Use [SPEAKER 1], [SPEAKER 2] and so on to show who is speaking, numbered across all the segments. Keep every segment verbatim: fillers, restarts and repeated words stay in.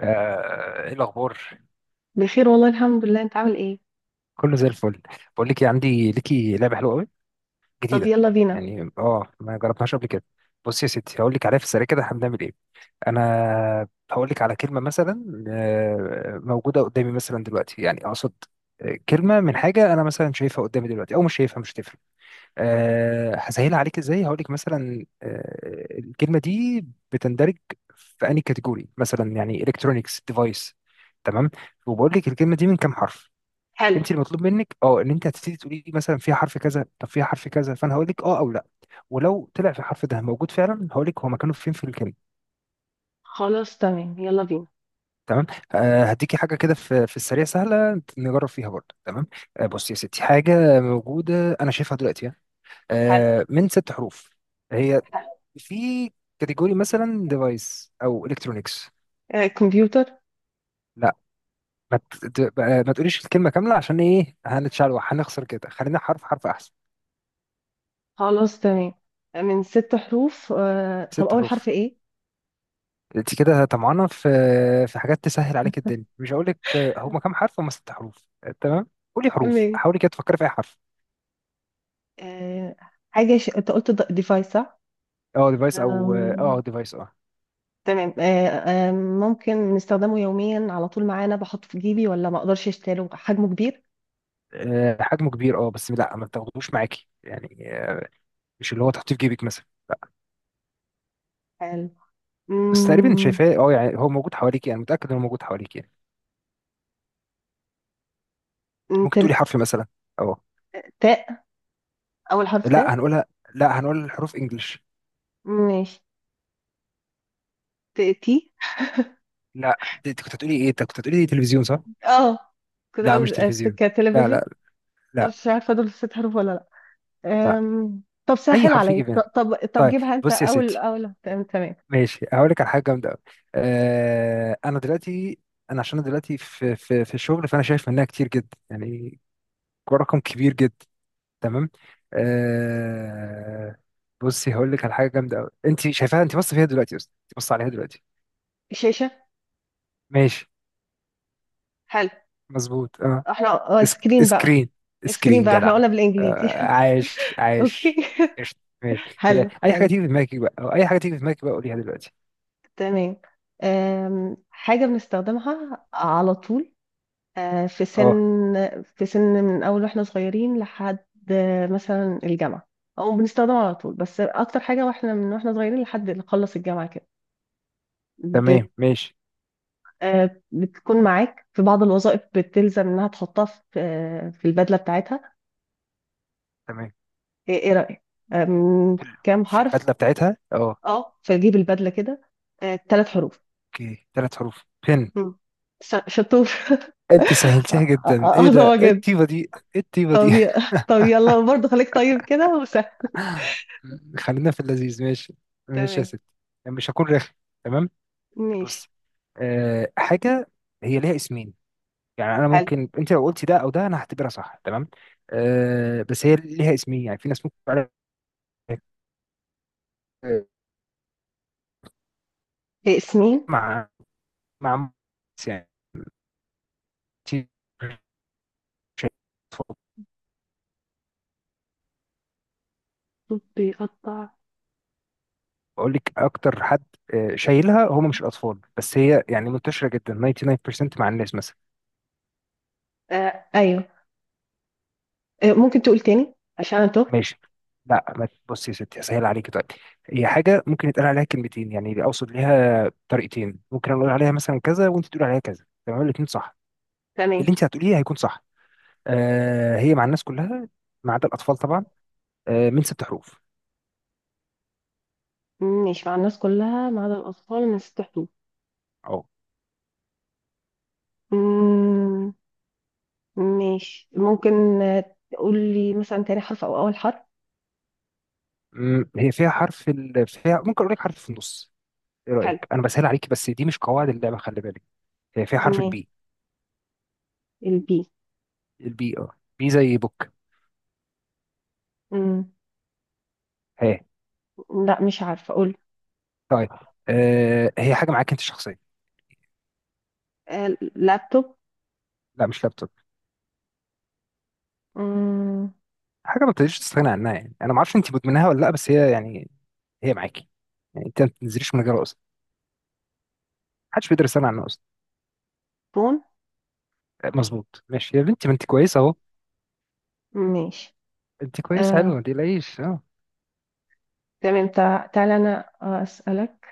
[SPEAKER 1] آه، ايه الاخبار؟
[SPEAKER 2] بخير والله الحمد لله، انت عامل ايه؟
[SPEAKER 1] كله زي الفل. بقول لك إيه، عندي ليكي لعبه حلوه قوي
[SPEAKER 2] طب
[SPEAKER 1] جديده.
[SPEAKER 2] يلا بينا.
[SPEAKER 1] يعني اه ما جربتهاش قبل كده. بص يا ستي، هقول لك عليها في السريع كده احنا بنعمل ايه. انا هقول لك على كلمه مثلا، آه، موجوده قدامي مثلا دلوقتي، يعني اقصد آه، كلمه من حاجه انا مثلا شايفها قدامي دلوقتي او مش شايفها، مش هتفرق. أه هسهلها عليك ازاي. هقول لك مثلا، أه الكلمه دي بتندرج في انهي كاتيجوري، مثلا يعني الكترونيكس ديفايس، تمام. وبقول لك الكلمه دي من كام حرف؟
[SPEAKER 2] حلو.
[SPEAKER 1] انت المطلوب منك اه ان انت هتبتدي تقولي لي مثلا فيها حرف كذا، طب فيها حرف كذا، فانا هقول لك اه او لا. ولو طلع في الحرف ده موجود فعلا، هقول لك هو مكانه فين في الكلمه.
[SPEAKER 2] خلاص تمام، يلا بينا.
[SPEAKER 1] تمام. آه هديكي حاجه كده في في السريع، سهله نجرب فيها برضه، تمام. آه بصي يا ستي، حاجه موجوده انا شايفها دلوقتي،
[SPEAKER 2] حلو
[SPEAKER 1] آه من ست حروف. هي
[SPEAKER 2] حلو.
[SPEAKER 1] في كاتيجوري مثلا ديفايس او الكترونكس.
[SPEAKER 2] آه كمبيوتر.
[SPEAKER 1] لا، ما ت- ت- بقى- ما تقوليش الكلمه كامله، عشان ايه هنتشعلوح، هنخسر كده. خلينا حرف حرف احسن.
[SPEAKER 2] خلاص تمام. آه، من ست حروف. آه طب
[SPEAKER 1] ست
[SPEAKER 2] اول حرف
[SPEAKER 1] حروف.
[SPEAKER 2] ايه؟
[SPEAKER 1] انت كده طمعانه في في حاجات تسهل عليك الدنيا، مش هقول لك. هما كام حرف؟ هما ست حروف، آه، تمام. قولي حروف،
[SPEAKER 2] تمام.
[SPEAKER 1] حاولي كده تفكري في اي حرف.
[SPEAKER 2] آه حاجة ش... انت قلت ديفايس صح؟
[SPEAKER 1] اه ديفايس، او اه
[SPEAKER 2] آم،
[SPEAKER 1] ديفايس اه.
[SPEAKER 2] تمام. آه آه ممكن نستخدمه يوميا على طول معانا، بحطه في جيبي ولا ما اقدرش اشتريه؟ حجمه كبير؟
[SPEAKER 1] آه، حجمه كبير اه، بس لا ما تاخدوش معاكي يعني، آه، مش اللي هو تحطيه في جيبك مثلا، لا.
[SPEAKER 2] حلو.
[SPEAKER 1] بس تقريبا انت
[SPEAKER 2] مم.
[SPEAKER 1] شايفاه، اه يعني هو موجود حواليك، يعني متاكد انه موجود حواليك يعني. ممكن
[SPEAKER 2] تل-
[SPEAKER 1] تقولي حرف مثلا. اه.
[SPEAKER 2] تاء. اول حرف
[SPEAKER 1] لا
[SPEAKER 2] تاء.
[SPEAKER 1] هنقولها. لا، هنقول الحروف انجلش.
[SPEAKER 2] ماشي. ت- تي.
[SPEAKER 1] لا، دي- انت كنت هتقولي ايه؟ انت كنت هتقولي تلفزيون صح؟
[SPEAKER 2] اه، كنت
[SPEAKER 1] لا، مش
[SPEAKER 2] اقول آه،
[SPEAKER 1] تلفزيون. لا.
[SPEAKER 2] كتلفزيون.
[SPEAKER 1] لا.
[SPEAKER 2] أنا
[SPEAKER 1] لا
[SPEAKER 2] مش عارفة دول ست حروف ولا لأ؟
[SPEAKER 1] لا.
[SPEAKER 2] أم... طب
[SPEAKER 1] اي
[SPEAKER 2] سهل
[SPEAKER 1] حرف
[SPEAKER 2] عليا،
[SPEAKER 1] يجي في
[SPEAKER 2] ط-
[SPEAKER 1] بالك.
[SPEAKER 2] طب طب
[SPEAKER 1] طيب.
[SPEAKER 2] جيبها انت
[SPEAKER 1] بص يا
[SPEAKER 2] اول
[SPEAKER 1] ستي،
[SPEAKER 2] اول. تمام تمام.
[SPEAKER 1] ماشي هقول لك على حاجه جامده قوي. آه انا دلوقتي، انا عشان أنا دلوقتي في في في الشغل، فانا شايف منها كتير جدا يعني، رقم كبير جدا، تمام. آه بصي هقول لك على حاجه جامده قوي. انت شايفاها، انت بص فيها دلوقتي، بس انت بص عليها دلوقتي.
[SPEAKER 2] شاشة.
[SPEAKER 1] ماشي.
[SPEAKER 2] حلو.
[SPEAKER 1] مظبوط اه.
[SPEAKER 2] احنا آه، ايس
[SPEAKER 1] اسك...
[SPEAKER 2] كريم بقى.
[SPEAKER 1] سكرين.
[SPEAKER 2] ايس كريم
[SPEAKER 1] سكرين
[SPEAKER 2] بقى، احنا
[SPEAKER 1] جدع.
[SPEAKER 2] قلنا بالانجليزي.
[SPEAKER 1] آه عايش
[SPEAKER 2] اوكي
[SPEAKER 1] عايش. قشطة، ماشي، آه،
[SPEAKER 2] حلو
[SPEAKER 1] اي حاجه
[SPEAKER 2] حلو.
[SPEAKER 1] تيجي في دماغك بقى، او اي حاجه تيجي في دماغك بقى قوليها دلوقتي.
[SPEAKER 2] تمام. أم... حاجة بنستخدمها على طول. آه، في
[SPEAKER 1] اه.
[SPEAKER 2] سن. في سن من اول واحنا صغيرين لحد آه، مثلا الجامعة. او بنستخدمها على طول، بس اكتر حاجة واحنا من واحنا صغيرين لحد نخلص الجامعة
[SPEAKER 1] تمام
[SPEAKER 2] كده.
[SPEAKER 1] ماشي.
[SPEAKER 2] آه، بتكون معاك في بعض الوظائف، بتلزم انها تحطها في آه، في البدله بتاعتها.
[SPEAKER 1] تمام.
[SPEAKER 2] ايه إيه رايك؟ آه، من
[SPEAKER 1] في ال-
[SPEAKER 2] كام
[SPEAKER 1] في
[SPEAKER 2] حرف؟
[SPEAKER 1] البدله بتاعتها اه.
[SPEAKER 2] اه، فجيب البدله كده. آه، ثلاث حروف.
[SPEAKER 1] اوكي، ثلاث حروف، بن.
[SPEAKER 2] مم. ش- شطور
[SPEAKER 1] انت سهلتها
[SPEAKER 2] آه،
[SPEAKER 1] جدا،
[SPEAKER 2] آه،
[SPEAKER 1] ايه
[SPEAKER 2] آه،
[SPEAKER 1] ده؟
[SPEAKER 2] هو
[SPEAKER 1] ايه
[SPEAKER 2] جدا.
[SPEAKER 1] الطيبه دي؟ ايه الطيبه
[SPEAKER 2] طب
[SPEAKER 1] دي؟
[SPEAKER 2] ي- طب يلا، برضه خليك طيب كده وسهل.
[SPEAKER 1] خلينا في اللذيذ، ماشي. ماشي يا
[SPEAKER 2] تمام.
[SPEAKER 1] ستي، مش هكون رخم. تمام.
[SPEAKER 2] ماشي.
[SPEAKER 1] بص، أه حاجه هي ليها اسمين. يعني انا
[SPEAKER 2] حلو.
[SPEAKER 1] ممكن انت لو قلتي ده او ده انا هعتبرها صح، تمام. أه بس هي ليها اسمين، يعني في ناس ممكن تعرف-
[SPEAKER 2] إيه، سنين؟
[SPEAKER 1] مع مع يعني،
[SPEAKER 2] بيقطع.
[SPEAKER 1] بقول لك اكتر حد آه، شايلها هم مش الاطفال، بس هي يعني منتشره جدا، تسعه وتسعين في المية مع الناس مثلا.
[SPEAKER 2] آه ايوه. آه ممكن تقول تاني عشان انا تهت؟
[SPEAKER 1] ماشي. لا، ما بصي يا ستي، هسهل عليكي دلوقتي. هي حاجه ممكن يتقال عليها كلمتين، يعني اقصد ليها طريقتين، ممكن اقول عليها مثلا كذا وانت تقول عليها كذا، تمام، الاثنين صح. اللي
[SPEAKER 2] تمام.
[SPEAKER 1] انت هتقوليه هيكون صح. آه هي مع الناس كلها، ما عدا الاطفال طبعا. آه من ست حروف.
[SPEAKER 2] ماشي، مع الناس كلها ما عدا الاطفال، من ست.
[SPEAKER 1] اه.
[SPEAKER 2] حدود. ماشي، ممكن آه، تقول لي مثلا تاني حرف او اول حرف؟
[SPEAKER 1] مم، هي فيها حرف ال... فيها، ممكن اقول لك حرف في النص. ايه
[SPEAKER 2] حلو.
[SPEAKER 1] رايك؟ انا بسهل عليكي، بس دي مش قواعد اللعبه، خلي بالك. هي فيها حرف
[SPEAKER 2] ماشي.
[SPEAKER 1] البي.
[SPEAKER 2] البي.
[SPEAKER 1] البي اه. بي زي بوك.
[SPEAKER 2] مم.
[SPEAKER 1] هي.
[SPEAKER 2] لا، مش عارفه اقول.
[SPEAKER 1] طيب. آه هي حاجه معاك انت شخصيا.
[SPEAKER 2] آه، لابتوب.
[SPEAKER 1] لا، مش لابتوب.
[SPEAKER 2] مم.
[SPEAKER 1] حاجه ما تقدريش تستغنى عنها، يعني انا ما اعرفش انت مدمناها ولا لا، بس هي يعني هي معاكي. يعني انت ما بتنزليش من غيرها اصلا، محدش بيقدر يستغنى عنها اصلا.
[SPEAKER 2] فون.
[SPEAKER 1] آه، مظبوط، ماشي يا بنتي، ما انت كويسه اهو.
[SPEAKER 2] ماشي.
[SPEAKER 1] انت كويسه حلوه،
[SPEAKER 2] آه.
[SPEAKER 1] ما تقلقيش اه.
[SPEAKER 2] تمام. تع- تعالى انا آه، اسالك.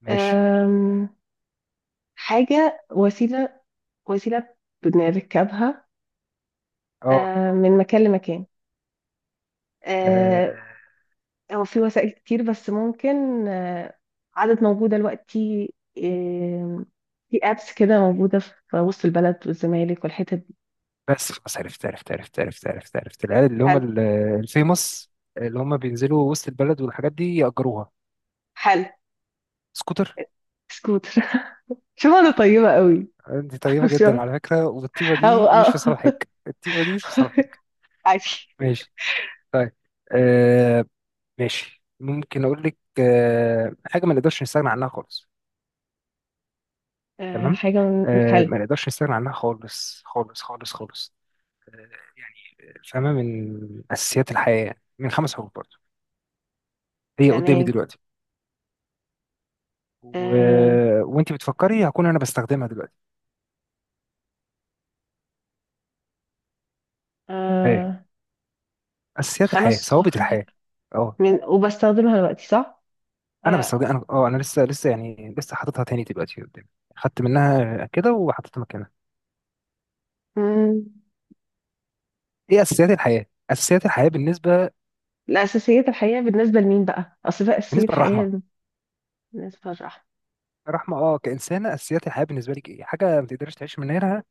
[SPEAKER 1] ماشي.
[SPEAKER 2] آم، حاجه، وسيله. وسيله. بنركبها
[SPEAKER 1] اه
[SPEAKER 2] آه، من مكان لمكان. آه،
[SPEAKER 1] آه،
[SPEAKER 2] هو في وسائل كتير بس ممكن آه، عدد موجودة دلوقتي. آم، في ابس كده موجودة في وسط البلد والزمالك والحتت دي.
[SPEAKER 1] بس خلاص، عرفت عرفت عرفت عرفت عرفت عرفت العيال اللي هم
[SPEAKER 2] حلو
[SPEAKER 1] ال- الفيموس، اللي هم بينزلوا وسط البلد والحاجات دي يأجروها.
[SPEAKER 2] حلو.
[SPEAKER 1] سكوتر.
[SPEAKER 2] سكوتر. شوف انا طيبة قوي.
[SPEAKER 1] انت طيبة جدا
[SPEAKER 2] شوف.
[SPEAKER 1] على فكرة، والطيبة
[SPEAKER 2] او
[SPEAKER 1] دي
[SPEAKER 2] او
[SPEAKER 1] مش في صالحك، الطيبة دي مش في صالحك.
[SPEAKER 2] عادي.
[SPEAKER 1] ماشي. طيب، آه ماشي، ممكن اقول لك آه حاجة ما نقدرش نستغنى عنها خالص،
[SPEAKER 2] آه،
[SPEAKER 1] تمام.
[SPEAKER 2] حاجة من من.
[SPEAKER 1] آه
[SPEAKER 2] حلو.
[SPEAKER 1] ما نقدرش نستغنى عنها خالص خالص خالص خالص، آه يعني، آه، فاهمة، من أساسيات الحياة يعني. من خمس حروف برضه. هي قدامي
[SPEAKER 2] تمام.
[SPEAKER 1] دلوقتي و...
[SPEAKER 2] آه،
[SPEAKER 1] وانت بتفكري هكون انا بستخدمها دلوقتي. ايه
[SPEAKER 2] آه،
[SPEAKER 1] أساسيات الحياة،
[SPEAKER 2] خمس.
[SPEAKER 1] ثوابت الحياة. اه.
[SPEAKER 2] من وبستخدمها دلوقتي صح؟
[SPEAKER 1] انا بس
[SPEAKER 2] آه،
[SPEAKER 1] هو- انا اه انا لسه لسه يعني لسه حاططها تاني دلوقتي قدامي. خدت منها كده وحطيتها مكانها.
[SPEAKER 2] مم.
[SPEAKER 1] ايه اساسيات الحياه، اساسيات الحياه بالنسبه،
[SPEAKER 2] الأساسيات الحقيقة بالنسبة لمين بقى؟ أصل في أساسية
[SPEAKER 1] بالنسبه للرحمه.
[SPEAKER 2] حقيقية. بالنسبة
[SPEAKER 1] الرحمه، اه كانسانه، اساسيات الحياه بالنسبه لك ايه؟ حاجه ما تقدرش تعيش من غيرها،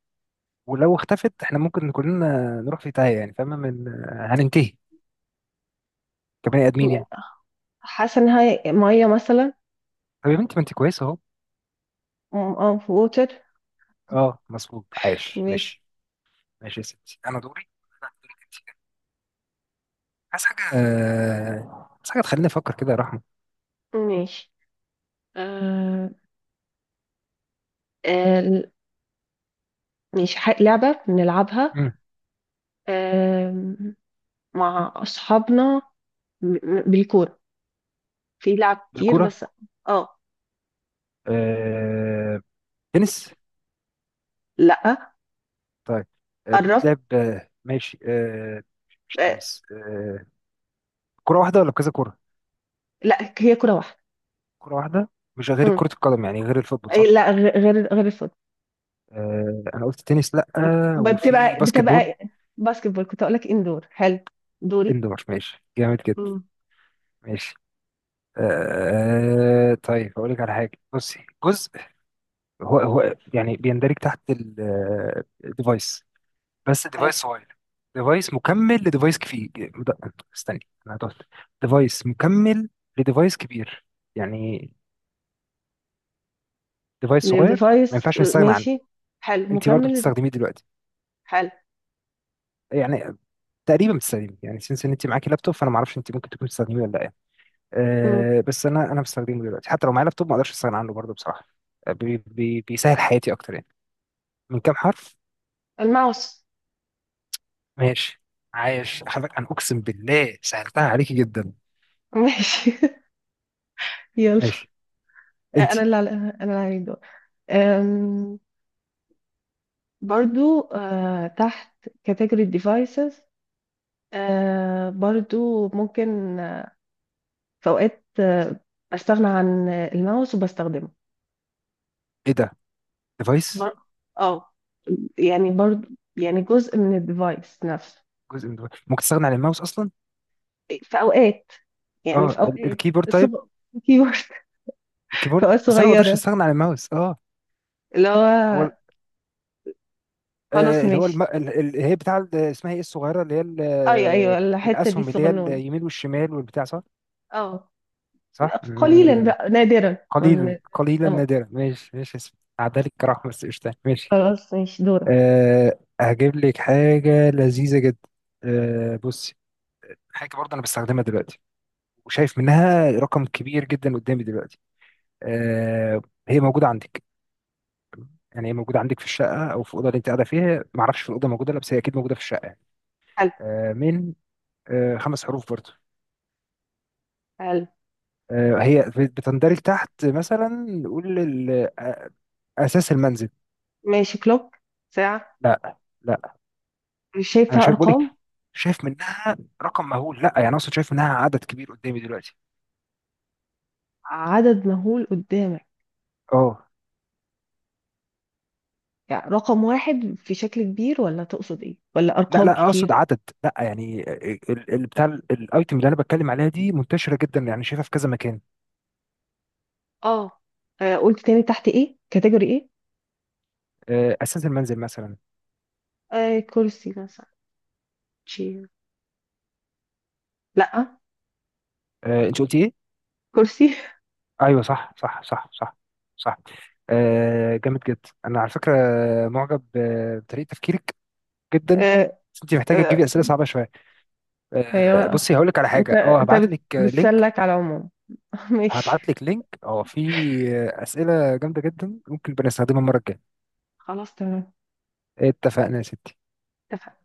[SPEAKER 1] ولو اختفت احنا ممكن كلنا نروح في تايه، يعني فاهمه، من هننتهي كبني ادمين يعني.
[SPEAKER 2] للراحة. حاسه انها ميه مثلا.
[SPEAKER 1] طب يا بنتي، ما انت كويسه اهو.
[SPEAKER 2] اه، ووتر.
[SPEAKER 1] اه مظبوط، عايش،
[SPEAKER 2] ماشي.
[SPEAKER 1] ماشي. ماشي يا ستي، انا دوري. لا، دورك انت. عايز حاجه، آه، عايز حاجه تخليني افكر كده يا رحمه.
[SPEAKER 2] ماشي. آه آه ماشي. ح- لعبة بنلعبها
[SPEAKER 1] مم.
[SPEAKER 2] آه مع أصحابنا. م- م- بالكورة. في لعب كتير
[SPEAKER 1] بالكوره.
[SPEAKER 2] بس. اه.
[SPEAKER 1] آه، تنس؟
[SPEAKER 2] لأ.
[SPEAKER 1] طيب، آه،
[SPEAKER 2] قرب.
[SPEAKER 1] بتتلعب آه، ماشي، آه، مش
[SPEAKER 2] آه.
[SPEAKER 1] تنس آه، كرة واحدة ولا كذا كرة؟
[SPEAKER 2] لأ، هي كورة واحدة.
[SPEAKER 1] كرة واحدة، مش غير
[SPEAKER 2] مم.
[SPEAKER 1] كرة القدم، يعني غير الفوتبول صح؟
[SPEAKER 2] أي لأ، غ- غير غير الفوت.
[SPEAKER 1] آه، أنا قلت تنس لأ.
[SPEAKER 2] ب-
[SPEAKER 1] وفي
[SPEAKER 2] بتبقى
[SPEAKER 1] باسكت بول.
[SPEAKER 2] بتبقى باسكت بول، كنت أقولك. اندور. حلو. دوري.
[SPEAKER 1] اندور، ماشي جامد جدا.
[SPEAKER 2] مم.
[SPEAKER 1] ماشي. آه، طيب أقول لك على حاجة، بصي جزء، هو هو يعني بيندرج تحت الديفايس، بس
[SPEAKER 2] حلو.
[SPEAKER 1] ديفايس صغير، ديفايس مكمل لديفايس كبير. استني، أنا هتقول ديفايس مكمل لديفايس كبير. يعني ديفايس صغير ما
[SPEAKER 2] الديفايس
[SPEAKER 1] ينفعش
[SPEAKER 2] آه،
[SPEAKER 1] نستغنى عنه.
[SPEAKER 2] ماشي. حلو،
[SPEAKER 1] انت برضو
[SPEAKER 2] مكمل.
[SPEAKER 1] بتستخدميه دلوقتي،
[SPEAKER 2] حلو.
[SPEAKER 1] يعني تقريبا بتستخدميه، يعني سنس ان انت معاكي لابتوب، فانا ما اعرفش انت ممكن تكون بتستخدميه ولا لا يعني.
[SPEAKER 2] مم.
[SPEAKER 1] أه بس انا انا بستخدمه دلوقتي، حتى لو معايا لابتوب ما اقدرش استغنى عنه برضو بصراحه. آه، بي بي بيسهل حياتي اكتر يعني. من كام حرف؟
[SPEAKER 2] الماوس.
[SPEAKER 1] ماشي. عايش حضرتك، انا اقسم بالله سهلتها عليكي جدا.
[SPEAKER 2] ماشي. يلا.
[SPEAKER 1] ماشي. انت،
[SPEAKER 2] انا اللي على انا اللي عليك دور. أم، برضو أه، تحت كاتيجوري ديفايسز. برضو ممكن أه، في اوقات أه، بستغنى عن الماوس وبستخدمه.
[SPEAKER 1] ايه ده؟ ديفايس،
[SPEAKER 2] بر... اه، يعني برضو. يعني جزء من الديفايس نفسه.
[SPEAKER 1] جزء من device. ممكن تستغنى عن الماوس اصلا؟
[SPEAKER 2] في اوقات. يعني
[SPEAKER 1] اه،
[SPEAKER 2] في
[SPEAKER 1] ال-
[SPEAKER 2] اوقات
[SPEAKER 1] الكيبورد
[SPEAKER 2] صغ...
[SPEAKER 1] طيب.
[SPEAKER 2] كيبورد. في
[SPEAKER 1] الكيبورد،
[SPEAKER 2] اوقات
[SPEAKER 1] بس انا ما اقدرش
[SPEAKER 2] صغيره
[SPEAKER 1] استغنى عن الماوس اه.
[SPEAKER 2] اللي
[SPEAKER 1] هو،
[SPEAKER 2] هو. خلاص،
[SPEAKER 1] آه، اللي هو الم...
[SPEAKER 2] ماشي.
[SPEAKER 1] ال- ال- اللي هي بتاع ال- اسمها ايه الصغيره، اللي هي ال-
[SPEAKER 2] ايوه ايوه،
[SPEAKER 1] آه،
[SPEAKER 2] الحته دي
[SPEAKER 1] الاسهم اللي هي
[SPEAKER 2] صغنونه.
[SPEAKER 1] اليمين والشمال والبتاع صح؟
[SPEAKER 2] اه.
[SPEAKER 1] صح.
[SPEAKER 2] قليلا
[SPEAKER 1] مم.
[SPEAKER 2] بقى نادرا
[SPEAKER 1] قليلا
[SPEAKER 2] من-
[SPEAKER 1] قليلا
[SPEAKER 2] اه.
[SPEAKER 1] نادرا، ماشي ماشي اسم عدالك كرحمة. بس قشطة، ماشي.
[SPEAKER 2] خلاص، ماشي. دورك.
[SPEAKER 1] أه هجيب لك حاجة لذيذة جدا. أه بصي، حاجة برضه أنا بستخدمها دلوقتي وشايف منها رقم كبير جدا قدامي دلوقتي، أه هي موجودة عندك، يعني هي موجودة عندك في الشقة أو في الأوضة اللي أنت قاعدة فيها، معرفش في الأوضة موجودة ولا، بس هي أكيد موجودة في الشقة يعني.
[SPEAKER 2] حلو
[SPEAKER 1] أه من آه، خمس حروف برضو.
[SPEAKER 2] حلو.
[SPEAKER 1] آه، هي بت- بتندرج تحت، مثلا نقول ال- آه، اساس المنزل.
[SPEAKER 2] ماشي. كلوك. ساعة.
[SPEAKER 1] لا لا،
[SPEAKER 2] مش
[SPEAKER 1] انا
[SPEAKER 2] شايفة
[SPEAKER 1] شايف بقولك،
[SPEAKER 2] أرقام.
[SPEAKER 1] شايف منها رقم مهول، لا يعني اقصد شايف منها عدد كبير قدامي دلوقتي.
[SPEAKER 2] عدد مهول قدامك؟
[SPEAKER 1] اه.
[SPEAKER 2] يعني رقم واحد في شكل كبير ولا تقصد ايه، ولا
[SPEAKER 1] لا
[SPEAKER 2] أرقام
[SPEAKER 1] لا اقصد
[SPEAKER 2] كتير؟
[SPEAKER 1] عدد، لا يعني ال- ال- بتاع ال- الايتم اللي انا بتكلم عليها دي منتشره جدا، يعني شايفها في كذا مكان.
[SPEAKER 2] اه. آه، قلت تاني تحت ايه كاتيجوري ايه؟
[SPEAKER 1] آه، اساس المنزل مثلا.
[SPEAKER 2] آه كرسي مثلا. شير. لا.
[SPEAKER 1] آه، انت قلتي ايه؟
[SPEAKER 2] كرسي.
[SPEAKER 1] ايوه صح صح صح صح، صح. آه، جامد جدا انا على فكره، معجب آه، بطريقه تفكيرك جدا.
[SPEAKER 2] آه
[SPEAKER 1] بس انت محتاجه تجيبي
[SPEAKER 2] آه
[SPEAKER 1] اسئله صعبه شويه. آه،
[SPEAKER 2] ايوه.
[SPEAKER 1] بصي هقول لك على
[SPEAKER 2] انت
[SPEAKER 1] حاجه، اه
[SPEAKER 2] انت
[SPEAKER 1] هبعت
[SPEAKER 2] بت-
[SPEAKER 1] لك لينك.
[SPEAKER 2] بتسلك على العموم.
[SPEAKER 1] هبعت
[SPEAKER 2] ماشي.
[SPEAKER 1] لك لينك اه في آه، اسئله جامده جدا ممكن بنستخدمها المره الجايه.
[SPEAKER 2] خلاص تمام،
[SPEAKER 1] اتفقنا يا ستي.
[SPEAKER 2] اتفقنا.